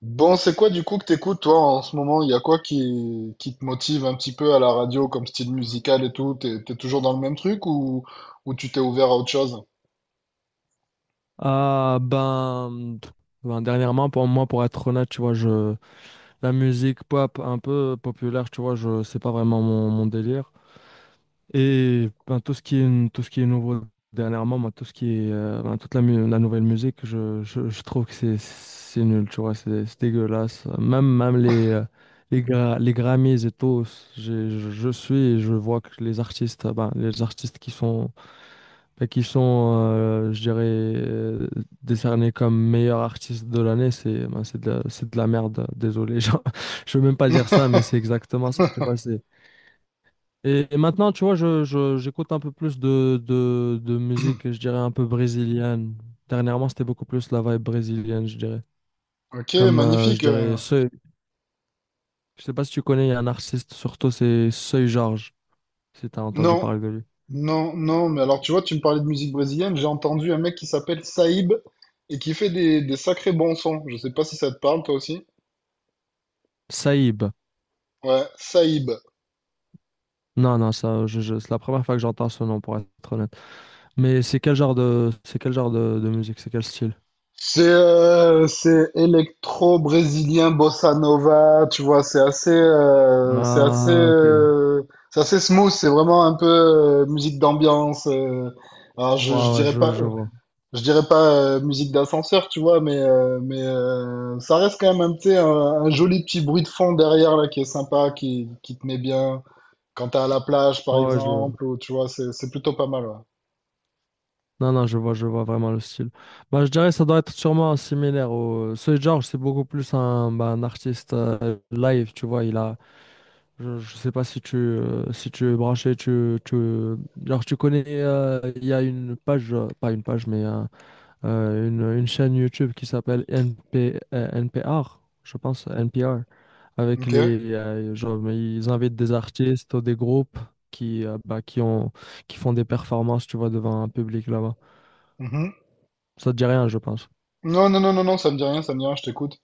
Bon, c'est quoi du coup que t'écoutes toi en ce moment? Il y a quoi qui te motive un petit peu à la radio comme style musical et tout? T'es toujours dans le même truc ou tu t'es ouvert à autre chose? Ah ben, dernièrement pour moi, pour être honnête, tu vois, je la musique pop un peu populaire, tu vois, je c'est pas vraiment mon, délire. Et ben, tout ce qui est nouveau dernièrement, moi, tout ce qui est ben, la nouvelle musique, je trouve que c'est nul, tu vois, c'est dégueulasse, même les les Grammys et tout. Je suis et je vois que les artistes, ben, les artistes qui sont et qui sont, je dirais, décernés comme meilleurs artistes de l'année, c'est, ben, c'est de la merde, désolé. Genre, je veux même pas dire ça, mais c'est exactement ça. Tu vois, c'est... Et, maintenant, tu vois, j'écoute un peu plus de, de musique, je dirais, un peu brésilienne. Dernièrement, c'était beaucoup plus la vibe brésilienne, je dirais. Ok, Comme, je magnifique. Dirais, Seuil. Je sais pas si tu connais, il y a un artiste, surtout, c'est Seuil Georges, si tu as entendu Non, parler de lui. non, non, mais alors tu vois, tu me parlais de musique brésilienne, j'ai entendu un mec qui s'appelle Saïb et qui fait des sacrés bons sons. Je sais pas si ça te parle toi aussi. Saïb. Ouais, Saïb. Non, non, ça, c'est la première fois que j'entends ce nom, pour être honnête. Mais c'est quel genre de, c'est quel genre de musique, c'est quel style? C'est électro brésilien bossa nova, tu vois, c'est assez euh, c'est assez Ah, ok. Ouais, euh, c'est assez smooth, c'est vraiment un peu musique d'ambiance. Alors, je, je ouais, dirais je, pas je vois. je dirais pas euh, musique d'ascenseur, tu vois, mais ça reste quand même un petit un joli petit bruit de fond derrière là qui est sympa, qui te met bien quand t'es à la plage par Ouais, ouais, je... exemple ou tu vois, c'est plutôt pas mal. Ouais. Non, non, je vois vraiment le style. Bah, je dirais que ça doit être sûrement similaire au... Soy George, c'est beaucoup plus un, bah, un artiste live, tu vois, il a... Je sais pas si tu, si tu es branché, tu... Genre, tu connais... Il y a une page, pas une page, mais... une chaîne YouTube qui s'appelle NPR, je pense, NPR, avec Ok? les, genre, mais ils invitent des artistes ou des groupes qui, bah, qui font des performances, tu vois, devant un public là-bas. Mhm. Ça te dit rien, je pense. Non, non, non, non, non, ça me dit rien, ça me dit rien, je t'écoute.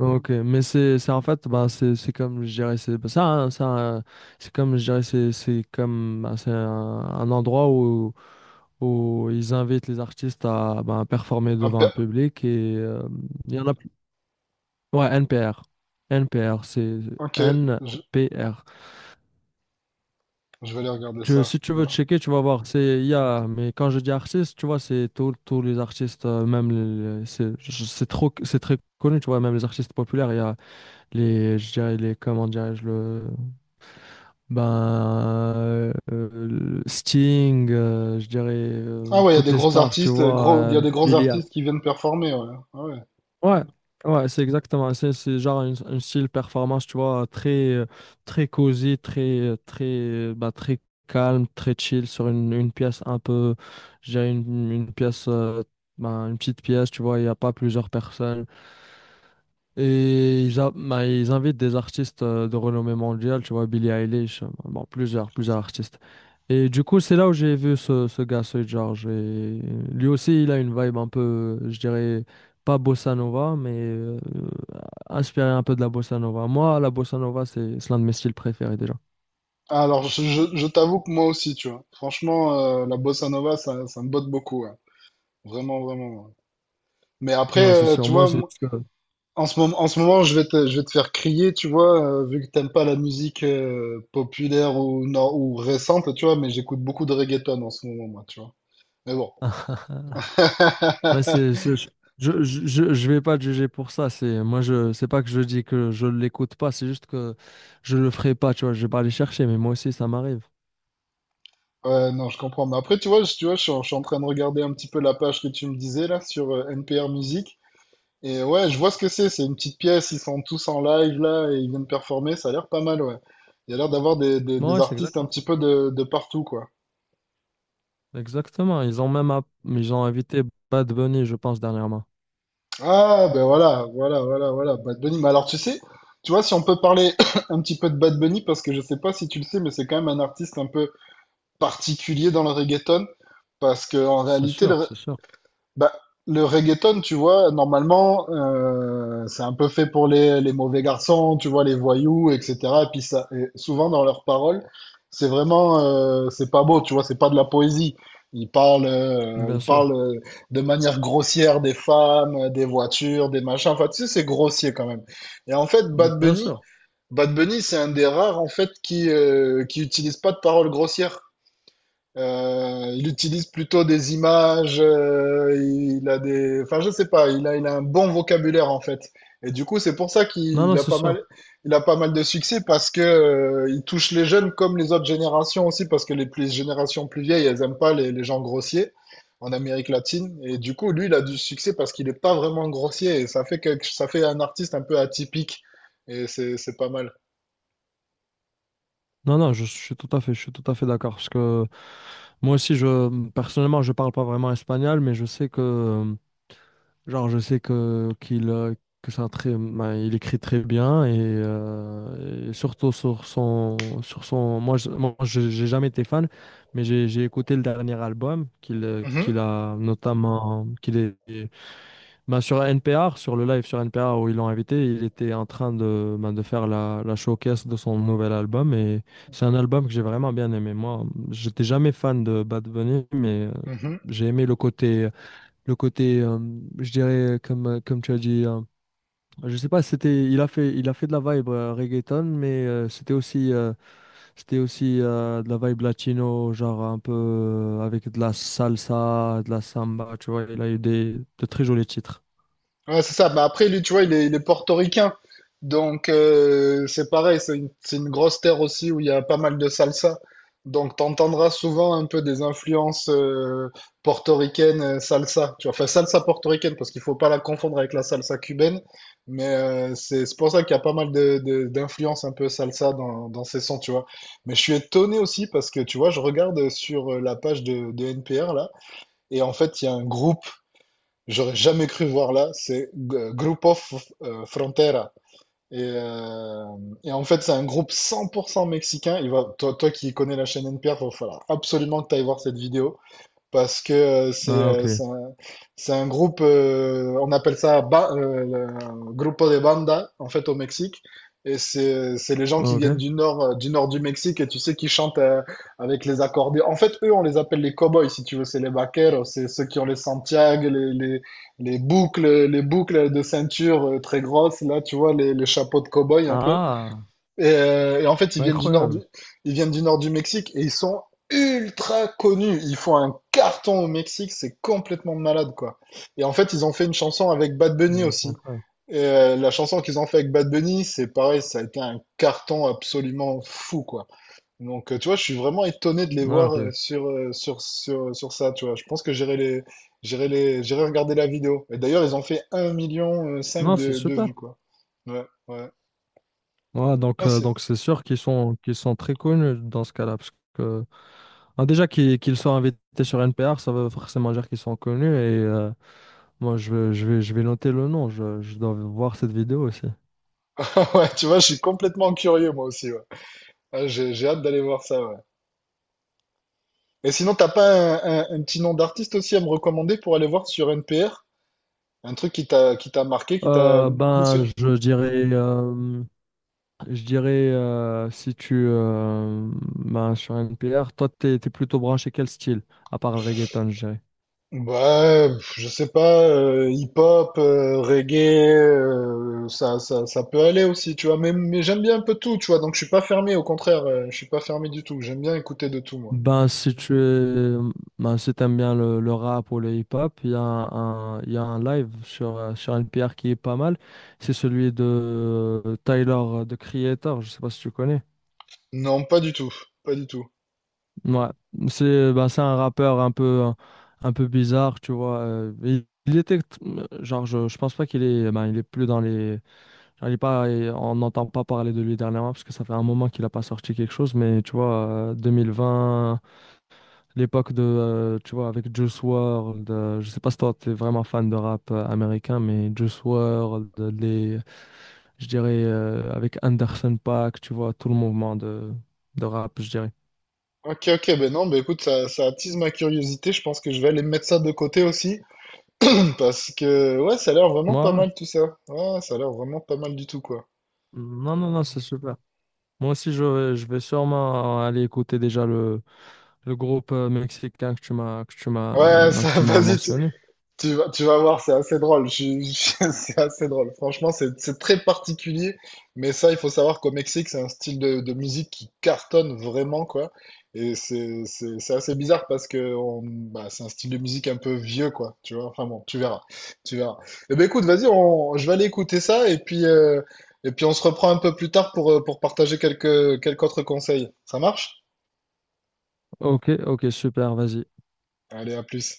Ok, mais c'est, en fait, bah, c'est, comme, je dirais, c'est, bah, c'est comme, je dirais, c'est, comme, bah, c'est un endroit où, ils invitent les artistes à, bah, performer devant un public, et il y en a. Ouais, NPR. NPR, c'est Ok, je, NPR. je vais aller regarder ça, Si tu tu veux vois. checker, tu vas voir. C'est, il y a, mais quand je dis artiste, tu vois, c'est tous les artistes, même c'est trop, c'est très connu, tu vois, même les artistes populaires. Il y a les, je dirais, les, comment dirais-je, le, ben, le Sting, je dirais, Ah ouais, toutes les stars, tu vois, il y a des gros Billie. artistes qui viennent performer, ouais. Ah ouais. Ouais, ouais, c'est exactement. C'est genre un style performance, tu vois, très, très cosy, très, très, bah, très calme, très chill, sur une pièce un peu, je dirais, bah, une petite pièce, tu vois, il n'y a pas plusieurs personnes. Et bah, ils invitent des artistes de renommée mondiale, tu vois, Billie Eilish, bon, plusieurs artistes. Et du coup, c'est là où j'ai vu ce gars, ce George. Et lui aussi, il a une vibe un peu, je dirais, pas bossa nova, mais inspiré un peu de la bossa nova. Moi, la bossa nova, c'est l'un de mes styles préférés déjà. Ah, alors, je t'avoue que moi aussi, tu vois. Franchement, la bossa nova, ça me botte beaucoup, ouais. Vraiment, vraiment. Ouais. Mais après, Ouais, c'est sûr. tu Moi, vois, c'est moi, parce en ce moment, je vais te faire crier, tu vois, vu que t'aimes pas la musique populaire ou, nor- ou récente, tu vois, mais j'écoute beaucoup de reggaeton en ce moment, moi, tu vois. Mais bon. que... Ouais, c'est, je vais pas te juger pour ça. C'est, moi, je, c'est pas que je dis que je l'écoute pas, c'est juste que je le ferai pas, tu vois. Je vais pas aller chercher, mais moi aussi, ça m'arrive. Ouais, non, je comprends. Mais après, tu vois, tu vois, je suis en train de regarder un petit peu la page que tu me disais là sur NPR Music. Et ouais, je vois ce que c'est. C'est une petite pièce. Ils sont tous en live là et ils viennent performer. Ça a l'air pas mal, ouais. Il y a l'air d'avoir des Ouais, c'est artistes un exactement petit ça. peu de partout, quoi. Exactement. Ils ont même, ils ont invité Bad Bunny, je pense, dernièrement. Ah, ben voilà, voilà, voilà, voilà. Bad Bunny. Mais alors, tu sais, tu vois, si on peut parler un petit peu de Bad Bunny, parce que je sais pas si tu le sais, mais c'est quand même un artiste un peu particulier dans le reggaeton. Parce que en C'est réalité, sûr, c'est sûr. bah, le reggaeton, tu vois, normalement, c'est un peu fait pour les mauvais garçons, tu vois, les voyous, etc. Et puis ça, et souvent dans leurs paroles, c'est vraiment, c'est pas beau, tu vois, c'est pas de la poésie. Ils parlent, euh, ils Bien sûr. parlent euh, de manière grossière des femmes, des voitures, des machins. Enfin, tu sais, c'est grossier quand même. Et en fait, Bad Bien Bunny, sûr. Bad Bunny, c'est un des rares en fait qui utilise pas de paroles grossières. Il utilise plutôt des images, enfin je sais pas, il a un bon vocabulaire en fait. Et du coup, c'est pour ça Non, qu'il non, a c'est pas sûr. mal, il a pas mal de succès parce que il touche les jeunes comme les autres générations aussi parce que les plus générations plus vieilles, elles aiment pas les gens grossiers en Amérique latine. Et du coup, lui, il a du succès parce qu'il est pas vraiment grossier et ça fait un artiste un peu atypique et c'est pas mal. Non, non, je suis tout à fait, je suis tout à fait d'accord. Parce que moi aussi, personnellement, je parle pas vraiment espagnol, mais je sais que, genre, que c'est un très, ben, il écrit très bien, et surtout sur son, moi, je- j'ai jamais été fan, mais j'ai écouté le dernier album qu'il, Mhm, qu'il est, ben, sur NPR, sur le live sur NPR où ils l'ont invité. Il était en train de, ben, de faire la showcase de son nouvel album. Et c'est un album que j'ai vraiment bien aimé. Moi, j'étais jamais fan de Bad Bunny, mais mhm. j'ai aimé le côté, le côté euh, je dirais, comme, comme tu as dit, je sais pas, si c'était, il a fait de la vibe reggaeton, mais c'était aussi de la vibe latino, genre un peu avec de la salsa, de la samba, tu vois. Il a eu des, de très jolis titres. Ouais, c'est ça. Bah après, lui, tu vois, il est portoricain. Donc, c'est pareil. C'est une grosse terre aussi où il y a pas mal de salsa. Donc, t'entendras souvent un peu des influences portoricaines, salsa. Tu vois, enfin, salsa portoricaine, parce qu'il faut pas la confondre avec la salsa cubaine. Mais c'est pour ça qu'il y a pas mal d'influences un peu salsa dans ces sons, tu vois. Mais je suis étonné aussi parce que, tu vois, je regarde sur la page de NPR, là, et en fait, il y a un groupe j'aurais jamais cru voir là, c'est Grupo Frontera. Et, euh, et, en fait, c'est un groupe 100% mexicain. Toi, toi qui connais la chaîne NPR, il va falloir absolument que tu ailles voir cette vidéo parce que c'est Ah, ok. euh, c'est un, c'est un groupe, on appelle ça le grupo de banda en fait au Mexique. Et c'est les gens qui viennent Ok. du nord du Mexique et tu sais qui chantent avec les accordéons. En fait, eux, on les appelle les cowboys si tu veux, c'est les vaqueros, c'est ceux qui ont les Santiago, les boucles de ceinture très grosses là, tu vois les chapeaux de cowboy un peu. Ah, Et, en fait, ils c'est viennent du nord du, incroyable. ils viennent du nord du Mexique et ils sont ultra connus. Ils font un carton au Mexique, c'est complètement malade, quoi. Et en fait, ils ont fait une chanson avec Bad Bunny Non, c'est aussi. incroyable. La chanson qu'ils ont fait avec Bad Bunny, c'est pareil, ça a été un carton absolument fou, quoi. Donc, tu vois, je suis vraiment étonné de les Ah, voir ok. sur ça, tu vois. Je pense que j'irai regarder la vidéo. Et d'ailleurs, ils ont fait un million cinq Non, c'est de vues, super. quoi. Ouais, ouais. Ouais, Non, donc c'est sûr qu'ils sont, très connus dans ce cas-là, parce que, ah, déjà qu'ils soient invités sur NPR, ça veut forcément dire qu'ils sont connus. Et moi, je vais noter le nom, je dois voir cette vidéo aussi. Ouais, tu vois, je suis complètement curieux moi aussi. Ouais. Ah, j'ai hâte d'aller voir ça. Ouais. Et sinon, t'as pas un petit nom d'artiste aussi à me recommander pour aller voir sur NPR? Un truc qui t'a marqué, qui t'a plus. ben, je dirais, si tu, ben, sur NPR, toi, t'es plutôt branché quel style, à part le reggaeton, je dirais. Ouais, pff, je sais pas, hip-hop, reggae, ça peut aller aussi, tu vois. Mais j'aime bien un peu tout, tu vois. Donc je suis pas fermé, au contraire, je suis pas fermé du tout. J'aime bien écouter de tout, moi. Ben, si tu es- Ben, si t'aimes bien le rap ou le hip-hop, il y a il y a un live sur, sur NPR qui est pas mal. C'est celui de Tyler, de Creator, je sais pas si tu connais. Non, pas du tout, pas du tout. Ouais, c'est un rappeur un peu bizarre, tu vois. Il était, genre, je pense pas qu'il est, ben, il est plus dans les... Genre, il est pas, et on n'entend pas parler de lui dernièrement parce que ça fait un moment qu'il a pas sorti quelque chose. Mais tu vois, 2020. L'époque de, tu vois, avec Juice World, je sais pas si toi t'es vraiment fan de rap américain, mais Juice WRLD, je dirais, avec Anderson .Paak, tu vois, tout le mouvement de, rap, je dirais. Ok, ok, ben non, ben écoute, ça attise ma curiosité. Je pense que je vais aller mettre ça de côté aussi. Parce que ouais, ça a l'air Ouais, vraiment pas ouais. mal tout ça. Ouais, ça a l'air vraiment pas mal du tout quoi. Non, non, non, c'est super. Moi aussi, je vais sûrement aller écouter déjà le, groupe mexicain que tu m'as, Ouais, ça, que tu m'as vas-y, mentionné. Tu vas voir, c'est assez drôle. C'est assez drôle. Franchement, c'est très particulier. Mais ça, il faut savoir qu'au Mexique, c'est un style de musique qui cartonne vraiment, quoi. Et c'est assez bizarre parce que bah, c'est un style de musique un peu vieux, quoi. Tu vois? Enfin bon, tu verras. Tu verras. Eh ben écoute, vas-y, je vais aller écouter ça et puis on se reprend un peu plus tard pour partager quelques autres conseils. Ça marche? Ok, ok, super, vas-y. Allez, à plus.